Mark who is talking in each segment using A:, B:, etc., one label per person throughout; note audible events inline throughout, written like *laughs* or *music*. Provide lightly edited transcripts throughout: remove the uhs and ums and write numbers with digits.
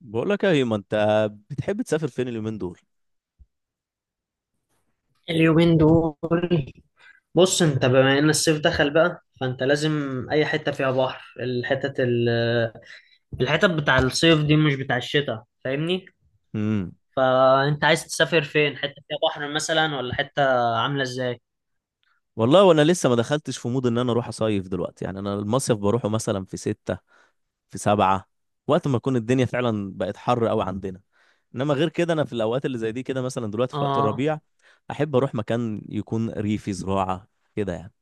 A: بقول لك يا هيما، انت بتحب تسافر فين اليومين دول؟
B: اليومين دول. بص، انت بما ان الصيف دخل بقى فانت لازم اي حته فيها بحر. الحتت بتاع الصيف دي مش بتاع الشتاء، فاهمني؟
A: امم
B: فانت عايز تسافر فين، حته فيها بحر مثلا ولا حته عامله ازاي؟
A: والله، وانا لسه ما دخلتش في مود ان انا اروح اصيف دلوقتي، يعني انا المصيف بروحه مثلا في ستة في سبعة، وقت ما تكون الدنيا فعلا بقت حر قوي عندنا. انما غير كده انا في الاوقات اللي زي دي كده، مثلا دلوقتي في وقت
B: اه،
A: الربيع، احب اروح مكان يكون ريفي زراعة كده يعني.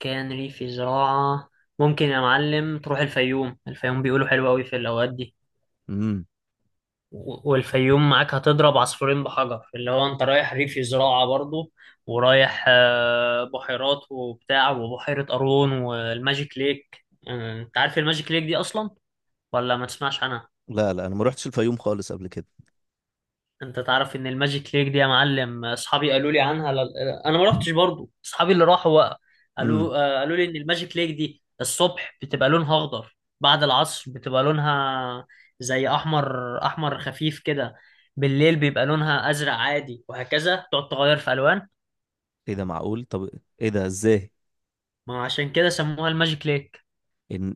B: كان ريفي زراعه. ممكن يا معلم تروح الفيوم. الفيوم بيقولوا حلو قوي في الاوقات دي.
A: امم
B: و- والفيوم معاك هتضرب عصفورين بحجر، اللي هو انت رايح ريف زراعة برضو، ورايح بحيرات وبتاع، وبحيرة قارون والماجيك ليك. انت عارف الماجيك ليك دي اصلا ولا ما تسمعش عنها؟
A: لا، انا ما رحتش الفيوم خالص قبل كده.
B: انت تعرف ان الماجيك ليك دي يا معلم، اصحابي قالوا لي عنها، انا ما رحتش برضو، اصحابي اللي راحوا بقى
A: امم
B: قالوا لي ان الماجيك ليك دي الصبح بتبقى لونها اخضر، بعد العصر بتبقى لونها زي احمر، احمر خفيف كده، بالليل بيبقى لونها ازرق عادي، وهكذا تقعد تغير في الوان.
A: ايه ده؟ معقول؟ طب ايه ده؟ ازاي؟
B: ما عشان كده سموها الماجيك ليك،
A: إن-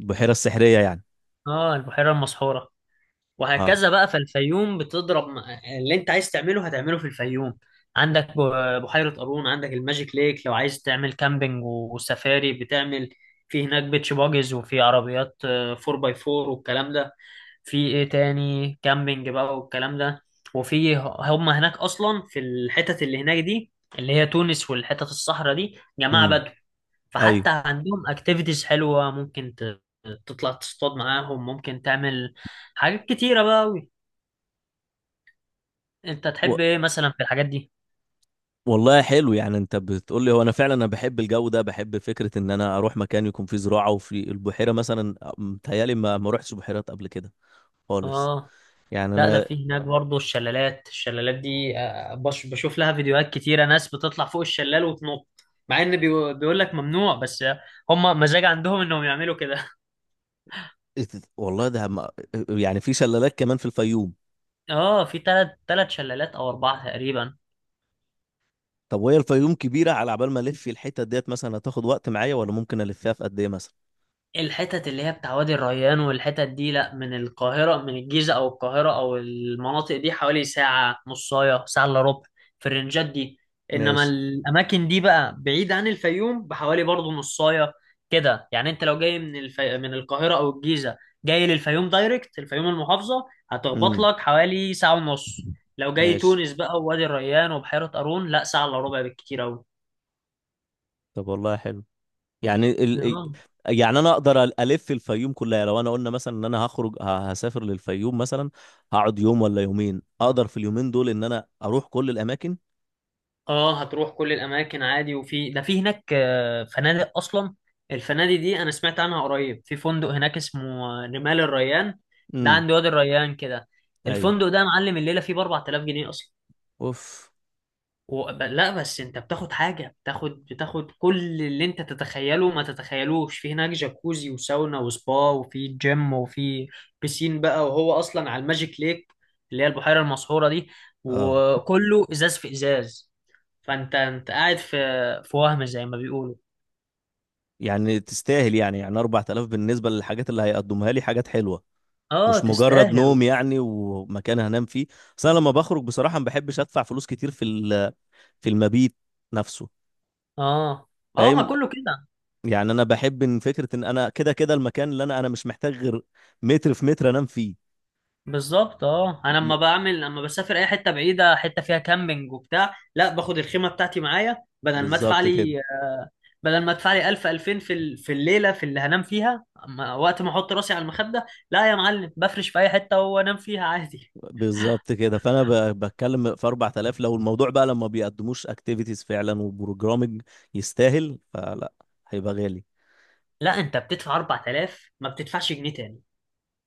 A: البحيرة السحرية يعني؟
B: اه، البحيرة المسحورة.
A: اه.
B: وهكذا بقى، فالفيوم اللي انت عايز تعمله هتعمله في الفيوم. عندك بحيرة قارون، عندك الماجيك ليك. لو عايز تعمل كامبينج وسفاري، بتعمل في هناك بيتش باجز، وفي عربيات 4 باي 4 والكلام ده. في ايه تاني، كامبينج بقى والكلام ده، وفي هم هناك اصلا، في الحتت اللي هناك دي اللي هي تونس والحتت الصحراء دي، جماعة
A: امم
B: بدو.
A: ايوه،
B: فحتى عندهم اكتيفيتيز حلوة، ممكن تطلع تصطاد معاهم، ممكن تعمل حاجات كتيرة بقى. انت تحب ايه مثلا في الحاجات دي؟
A: والله حلو يعني، انت بتقول لي، هو انا فعلا انا بحب الجو ده، بحب فكره ان انا اروح مكان يكون فيه زراعه وفي البحيره، مثلا متهيالي ما روحتش بحيرات قبل كده خالص.
B: اه،
A: يعني
B: لا، ده
A: انا
B: في هناك برضه الشلالات. الشلالات دي بشوف لها فيديوهات كتيرة، ناس بتطلع فوق الشلال وتنط، مع ان بيقول لك ممنوع، بس هم مزاج عندهم انهم يعملوا كده.
A: والله ده ما... يعني في شلالات كمان في الفيوم؟
B: *laughs* اه، في تلات شلالات او اربعة تقريبا.
A: طب وهي الفيوم كبيره؟ على عبال ما الف الحته ديت مثلا، هتاخد وقت معايا؟ ولا ممكن الفها في قد ايه مثلا؟
B: الحتت اللي هي بتاع وادي الريان والحتت دي، لا، من القاهرة، من الجيزة أو القاهرة أو المناطق دي، حوالي ساعة نصاية، ساعة إلا ربع في الرنجات دي. إنما
A: ماشي.
B: الأماكن دي بقى بعيد عن الفيوم بحوالي برضه نصاية كده يعني. أنت لو جاي من القاهرة أو الجيزة، جاي للفيوم دايركت، الفيوم المحافظة هتخبط
A: امم
B: لك حوالي ساعة ونص. لو جاي
A: ماشي.
B: تونس بقى، ووادي الريان وبحيرة قارون، لا، ساعة إلا ربع بالكتير أوي.
A: طب والله حلو يعني ال...
B: آه.
A: يعني انا اقدر الف الفيوم كلها لو انا قلنا مثلا ان انا هخرج، هسافر للفيوم مثلا؟ هقعد يوم ولا يومين اقدر في اليومين دول ان انا اروح كل الاماكن؟
B: اه، هتروح كل الاماكن عادي، وفي ده في هناك فنادق اصلا. الفنادق دي انا سمعت عنها قريب، في فندق هناك اسمه رمال الريان. ده
A: امم
B: عند وادي الريان كده.
A: اي،
B: الفندق ده يا معلم، الليله فيه ب 4000 جنيه اصلا.
A: اوف.
B: لا، بس انت بتاخد حاجه، بتاخد كل اللي انت تتخيله ما تتخيلوش. في هناك جاكوزي وساونا وسبا، وفي جيم، وفي بيسين بقى، وهو اصلا على الماجيك ليك اللي هي البحيره المسحوره دي،
A: اه،
B: وكله ازاز في ازاز. فانت قاعد في وهم، زي ما بيقولوا.
A: يعني تستاهل، يعني يعني 4000 بالنسبه للحاجات اللي هيقدمها لي حاجات حلوه،
B: اه،
A: مش مجرد
B: تستاهلوا.
A: نوم يعني ومكان هنام فيه. بس انا لما بخرج بصراحه ما بحبش ادفع فلوس كتير في في المبيت نفسه،
B: اه، اه، ما
A: فاهم؟
B: كله كده.
A: يعني انا بحب ان فكره ان انا كده كده المكان، اللي انا مش محتاج غير متر في متر انام فيه.
B: بالظبط. اه، انا
A: م-
B: لما بعمل، لما بسافر اي حته بعيده، حته فيها كامبينج وبتاع، لا، باخد الخيمه بتاعتي معايا، بدل ما ادفع
A: بالظبط كده.
B: لي بدل ما ادفع لي 1000 2000 في الليله، في اللي هنام فيها. أما وقت ما احط راسي على المخده، لا يا معلم، بفرش في اي حته وانام فيها عادي.
A: بالظبط كده، فانا بتكلم في 4000، لو الموضوع بقى لما بيقدموش اكتيفيتيز فعلا وبروجرامنج، يستاهل. فلا، هيبقى غالي.
B: لا، انت بتدفع 4000، ما بتدفعش جنيه تاني.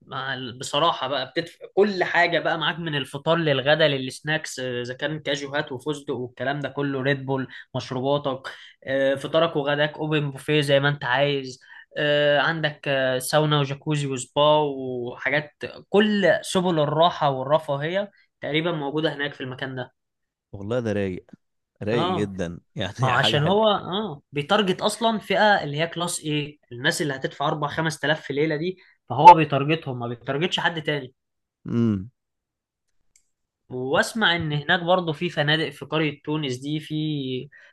B: بصراحة بقى، بتدفع كل حاجة بقى معاك، من الفطار للغدا للسناكس، إذا كان كاجوهات وفستق والكلام ده كله، ريد بول، مشروباتك، فطارك وغداك أوبن بوفيه زي ما أنت عايز، عندك ساونا وجاكوزي وسبا وحاجات. كل سبل الراحة والرفاهية تقريبا موجودة هناك في المكان ده.
A: والله ده رايق، رايق
B: اه.
A: جدا *laughs*
B: ما هو
A: يعني حاجه
B: عشان
A: حلوه.
B: هو، بيتارجت اصلا فئه اللي هي كلاس ايه، الناس اللي هتدفع 4 5000 في ليله دي، فهو بيتارجتهم، ما بيتارجتش حد تاني.
A: امم
B: واسمع ان هناك برضه في فنادق، في قرية تونس دي في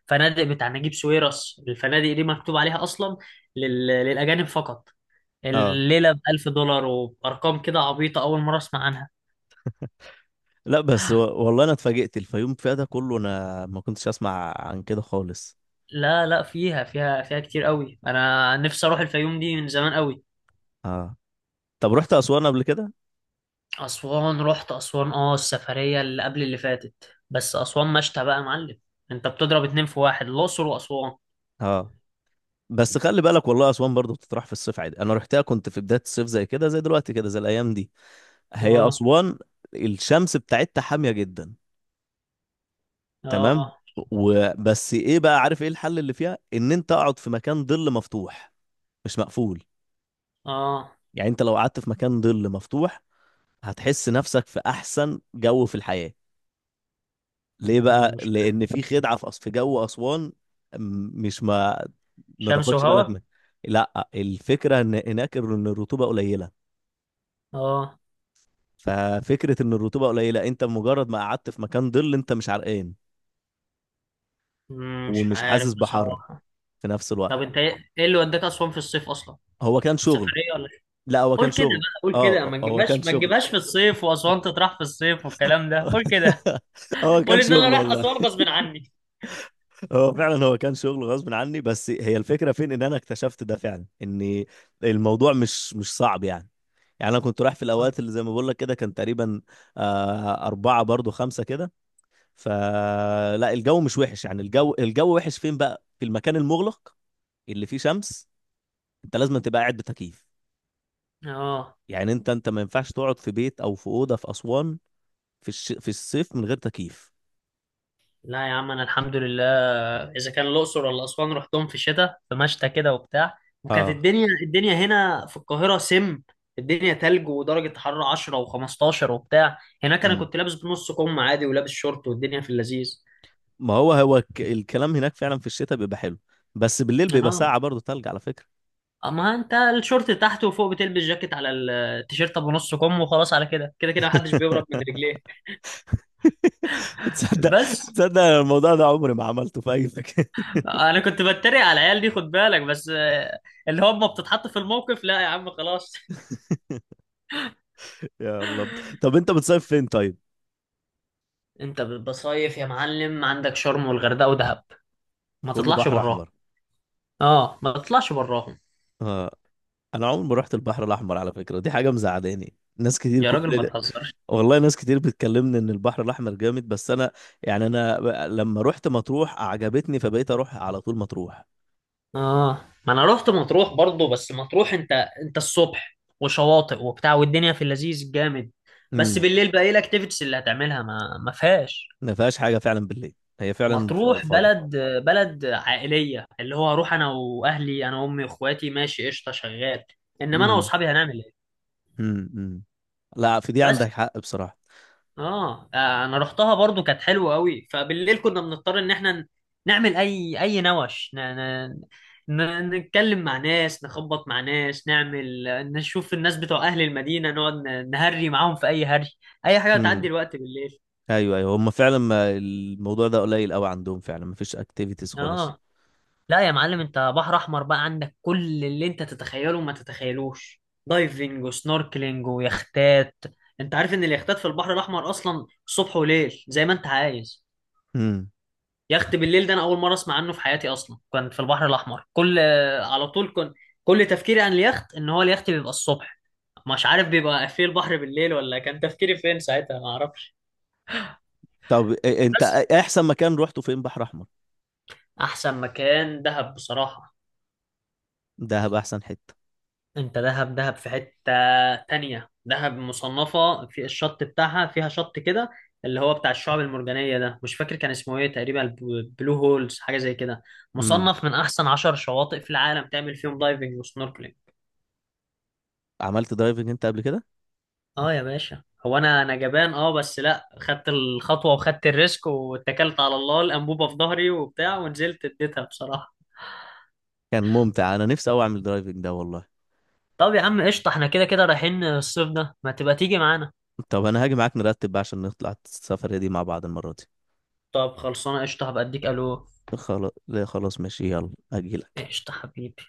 B: فنادق بتاع نجيب ساويرس، الفنادق دي مكتوب عليها اصلا للاجانب فقط،
A: اه.
B: الليلة ب1000 دولار، وبأرقام كده عبيطة، أول مرة أسمع عنها.
A: لا، بس و... والله انا اتفاجئت الفيوم فيها ده كله، انا ما كنتش اسمع عن كده خالص.
B: لا، لا، فيها كتير قوي، أنا نفسي أروح الفيوم دي من زمان قوي.
A: اه. طب رحت اسوان قبل كده؟
B: أسوان؟ رحت أسوان، السفرية اللي قبل اللي فاتت، بس أسوان مشتى بقى يا معلم، أنت بتضرب اتنين في واحد، الأقصر وأسوان.
A: اه، بس خلي بالك، والله اسوان برضه بتطرح في الصيف عادي. انا رحتها كنت في بدايه الصيف زي كده، زي دلوقتي كده، زي الايام دي. هي
B: أه.
A: اسوان الشمس بتاعتها حاميه جدا. تمام.
B: أه.
A: وبس ايه بقى، عارف ايه الحل اللي فيها؟ ان انت اقعد في مكان ظل مفتوح، مش مقفول.
B: أه.
A: يعني انت لو قعدت في مكان ظل مفتوح هتحس نفسك في احسن جو في الحياه. ليه بقى؟
B: مش
A: لان في خدعه في في جو اسوان، م- مش ما ما
B: شمس
A: تاخدش بالك
B: وهوا.
A: منها. لا، الفكره ان هناك ان الرطوبه قليله.
B: اه،
A: ففكرة ان الرطوبة قليلة، انت مجرد ما قعدت في مكان ظل انت مش عرقان
B: مش
A: ومش
B: عارف
A: حاسس بحر
B: بصراحة.
A: في نفس الوقت.
B: طب انت ايه، إيه اللي وداك اسوان في الصيف اصلا،
A: هو كان
B: سفرية
A: شغل.
B: ولا إيه؟
A: لا، هو
B: قول
A: كان
B: كده
A: شغل.
B: بقى، قول كده،
A: اه،
B: ما
A: هو كان
B: تجيبهاش، ما
A: شغل
B: تجيبهاش في الصيف، واسوان تطرح في الصيف والكلام ده، قول
A: *laughs*
B: كده.
A: هو كان
B: قول ان انا
A: شغل
B: رايح
A: والله.
B: اسوان غصب عني.
A: هو فعلا هو كان شغل غصب عني، بس هي الفكرة فين، ان انا اكتشفت ده فعلا، ان الموضوع مش صعب يعني. يعني انا كنت رايح في الاوقات اللي زي ما بقول لك كده، كان تقريبا أربعة برضو، خمسة كده. فلا الجو مش وحش يعني. الجو وحش فين بقى؟ في المكان المغلق اللي فيه شمس، انت لازم تبقى قاعد بتكييف.
B: اه.
A: يعني انت ما ينفعش تقعد في بيت او في اوضه في اسوان في في الصيف من غير تكييف.
B: لا يا عم، انا الحمد لله، اذا كان الاقصر ولا اسوان، رحتهم في الشتاء، في مشتى كده وبتاع، وكانت
A: اه.
B: الدنيا هنا في القاهره سم، الدنيا تلج، ودرجه حراره 10 و15 وبتاع. هناك انا
A: امم
B: كنت لابس بنص كم عادي، ولابس شورت، والدنيا في اللذيذ.
A: ما هو هو الكلام هناك فعلا في الشتاء بيبقى حلو، بس بالليل بيبقى ساقعة
B: اه.
A: برضه، تلج على فكرة.
B: اما انت الشورت تحت، وفوق بتلبس جاكيت على التيشيرت ابو نص كم، وخلاص، على كده كده كده، محدش بيهرب من
A: *laughs*
B: رجليه.
A: تصدق،
B: بس
A: تصدق أنا الموضوع ده عمري ما عملته في اي مكان.
B: انا كنت بتريق على العيال دي، خد بالك بس، اللي هم بتتحط في الموقف. لا يا عم، خلاص.
A: *laughs* يا الله. طب انت بتصيف فين طيب؟
B: انت بتصيف يا معلم، عندك شرم والغردقه ودهب، ما
A: كله
B: تطلعش
A: بحر
B: براهم.
A: احمر.
B: اه، ما تطلعش براهم.
A: اه، انا عمري ما رحت البحر الاحمر على فكره، دي حاجه مزعلاني، ناس كتير
B: يا راجل ما
A: كل...
B: تهزرش.
A: والله ناس كتير بتكلمني ان البحر الاحمر جامد، بس انا يعني انا لما رحت مطروح عجبتني، فبقيت اروح على طول مطروح.
B: اه، ما انا رحت مطروح برضو، بس مطروح، انت الصبح وشواطئ وبتاع، والدنيا في اللذيذ جامد، بس
A: امم
B: بالليل بقى، ايه الاكتيفيتيز اللي هتعملها؟ ما فيهاش.
A: ما فيهاش حاجه فعلا بالليل، هي فعلا
B: مطروح
A: فاضيه.
B: بلد. بلد عائلية، اللي هو اروح انا واهلي، انا وامي واخواتي، ماشي، قشطة، شغال، انما انا
A: امم
B: واصحابي هنعمل ايه؟
A: أمم. لا، في دي
B: بس.
A: عندك حق بصراحه.
B: انا رحتها برضو، كانت حلوة قوي، فبالليل كنا بنضطر ان احنا نعمل اي نوش، نتكلم مع ناس، نخبط مع ناس، نعمل، نشوف الناس بتوع اهل المدينة، نقعد نهري معاهم في اي هري، اي حاجة بتعدي
A: امم
B: الوقت بالليل.
A: ايوه، ايوه، هم فعلا ما الموضوع ده قليل قوي عندهم، فعلا ما فيش اكتيفيتيز خالص.
B: اه. لا يا معلم، انت بحر احمر بقى، عندك كل اللي انت تتخيله وما تتخيلوش، دايفنج وسنوركلينج ويختات. انت عارف ان اليختات في البحر الاحمر اصلا صبح وليل زي ما انت عايز.
A: امم
B: يخت بالليل ده انا اول مره اسمع عنه في حياتي اصلا، كان في البحر الاحمر كل، على طول، كل تفكيري عن اليخت ان هو اليخت بيبقى الصبح، مش عارف بيبقى في البحر بالليل ولا، كان تفكيري فين ساعتها، ما اعرفش.
A: طب انت
B: بس
A: احسن مكان روحته فين بحر احمر؟
B: احسن مكان دهب بصراحه.
A: دهب احسن حته؟
B: انت دهب، دهب في حتة تانية، دهب مصنفة في الشط بتاعها، فيها شط كده اللي هو بتاع الشعب المرجانية ده، مش فاكر كان اسمه ايه تقريبا، بلو هولز حاجة زي كده،
A: امم.
B: مصنف من احسن 10 شواطئ في العالم، تعمل فيهم دايفنج وسنوركلينج.
A: عملت درايفنج انت قبل كده؟
B: اه يا باشا، هو انا جبان، بس لا، خدت الخطوة، وخدت الريسك، واتكلت على الله، الانبوبة في ظهري وبتاع ونزلت، اديتها بصراحة.
A: كان ممتع، انا نفسي اوي اعمل درايفنج ده والله.
B: طب يا عم قشطة، احنا كده كده رايحين الصيف ده، ما تبقى تيجي معانا.
A: طب انا هاجي معاك، نرتب بقى عشان نطلع السفرية دي مع بعض المرة دي.
B: طب خلصانة قشطة، هبقى اديك الو.
A: خلاص، لا خلاص ماشي، يلا هجيلك.
B: قشطة حبيبي.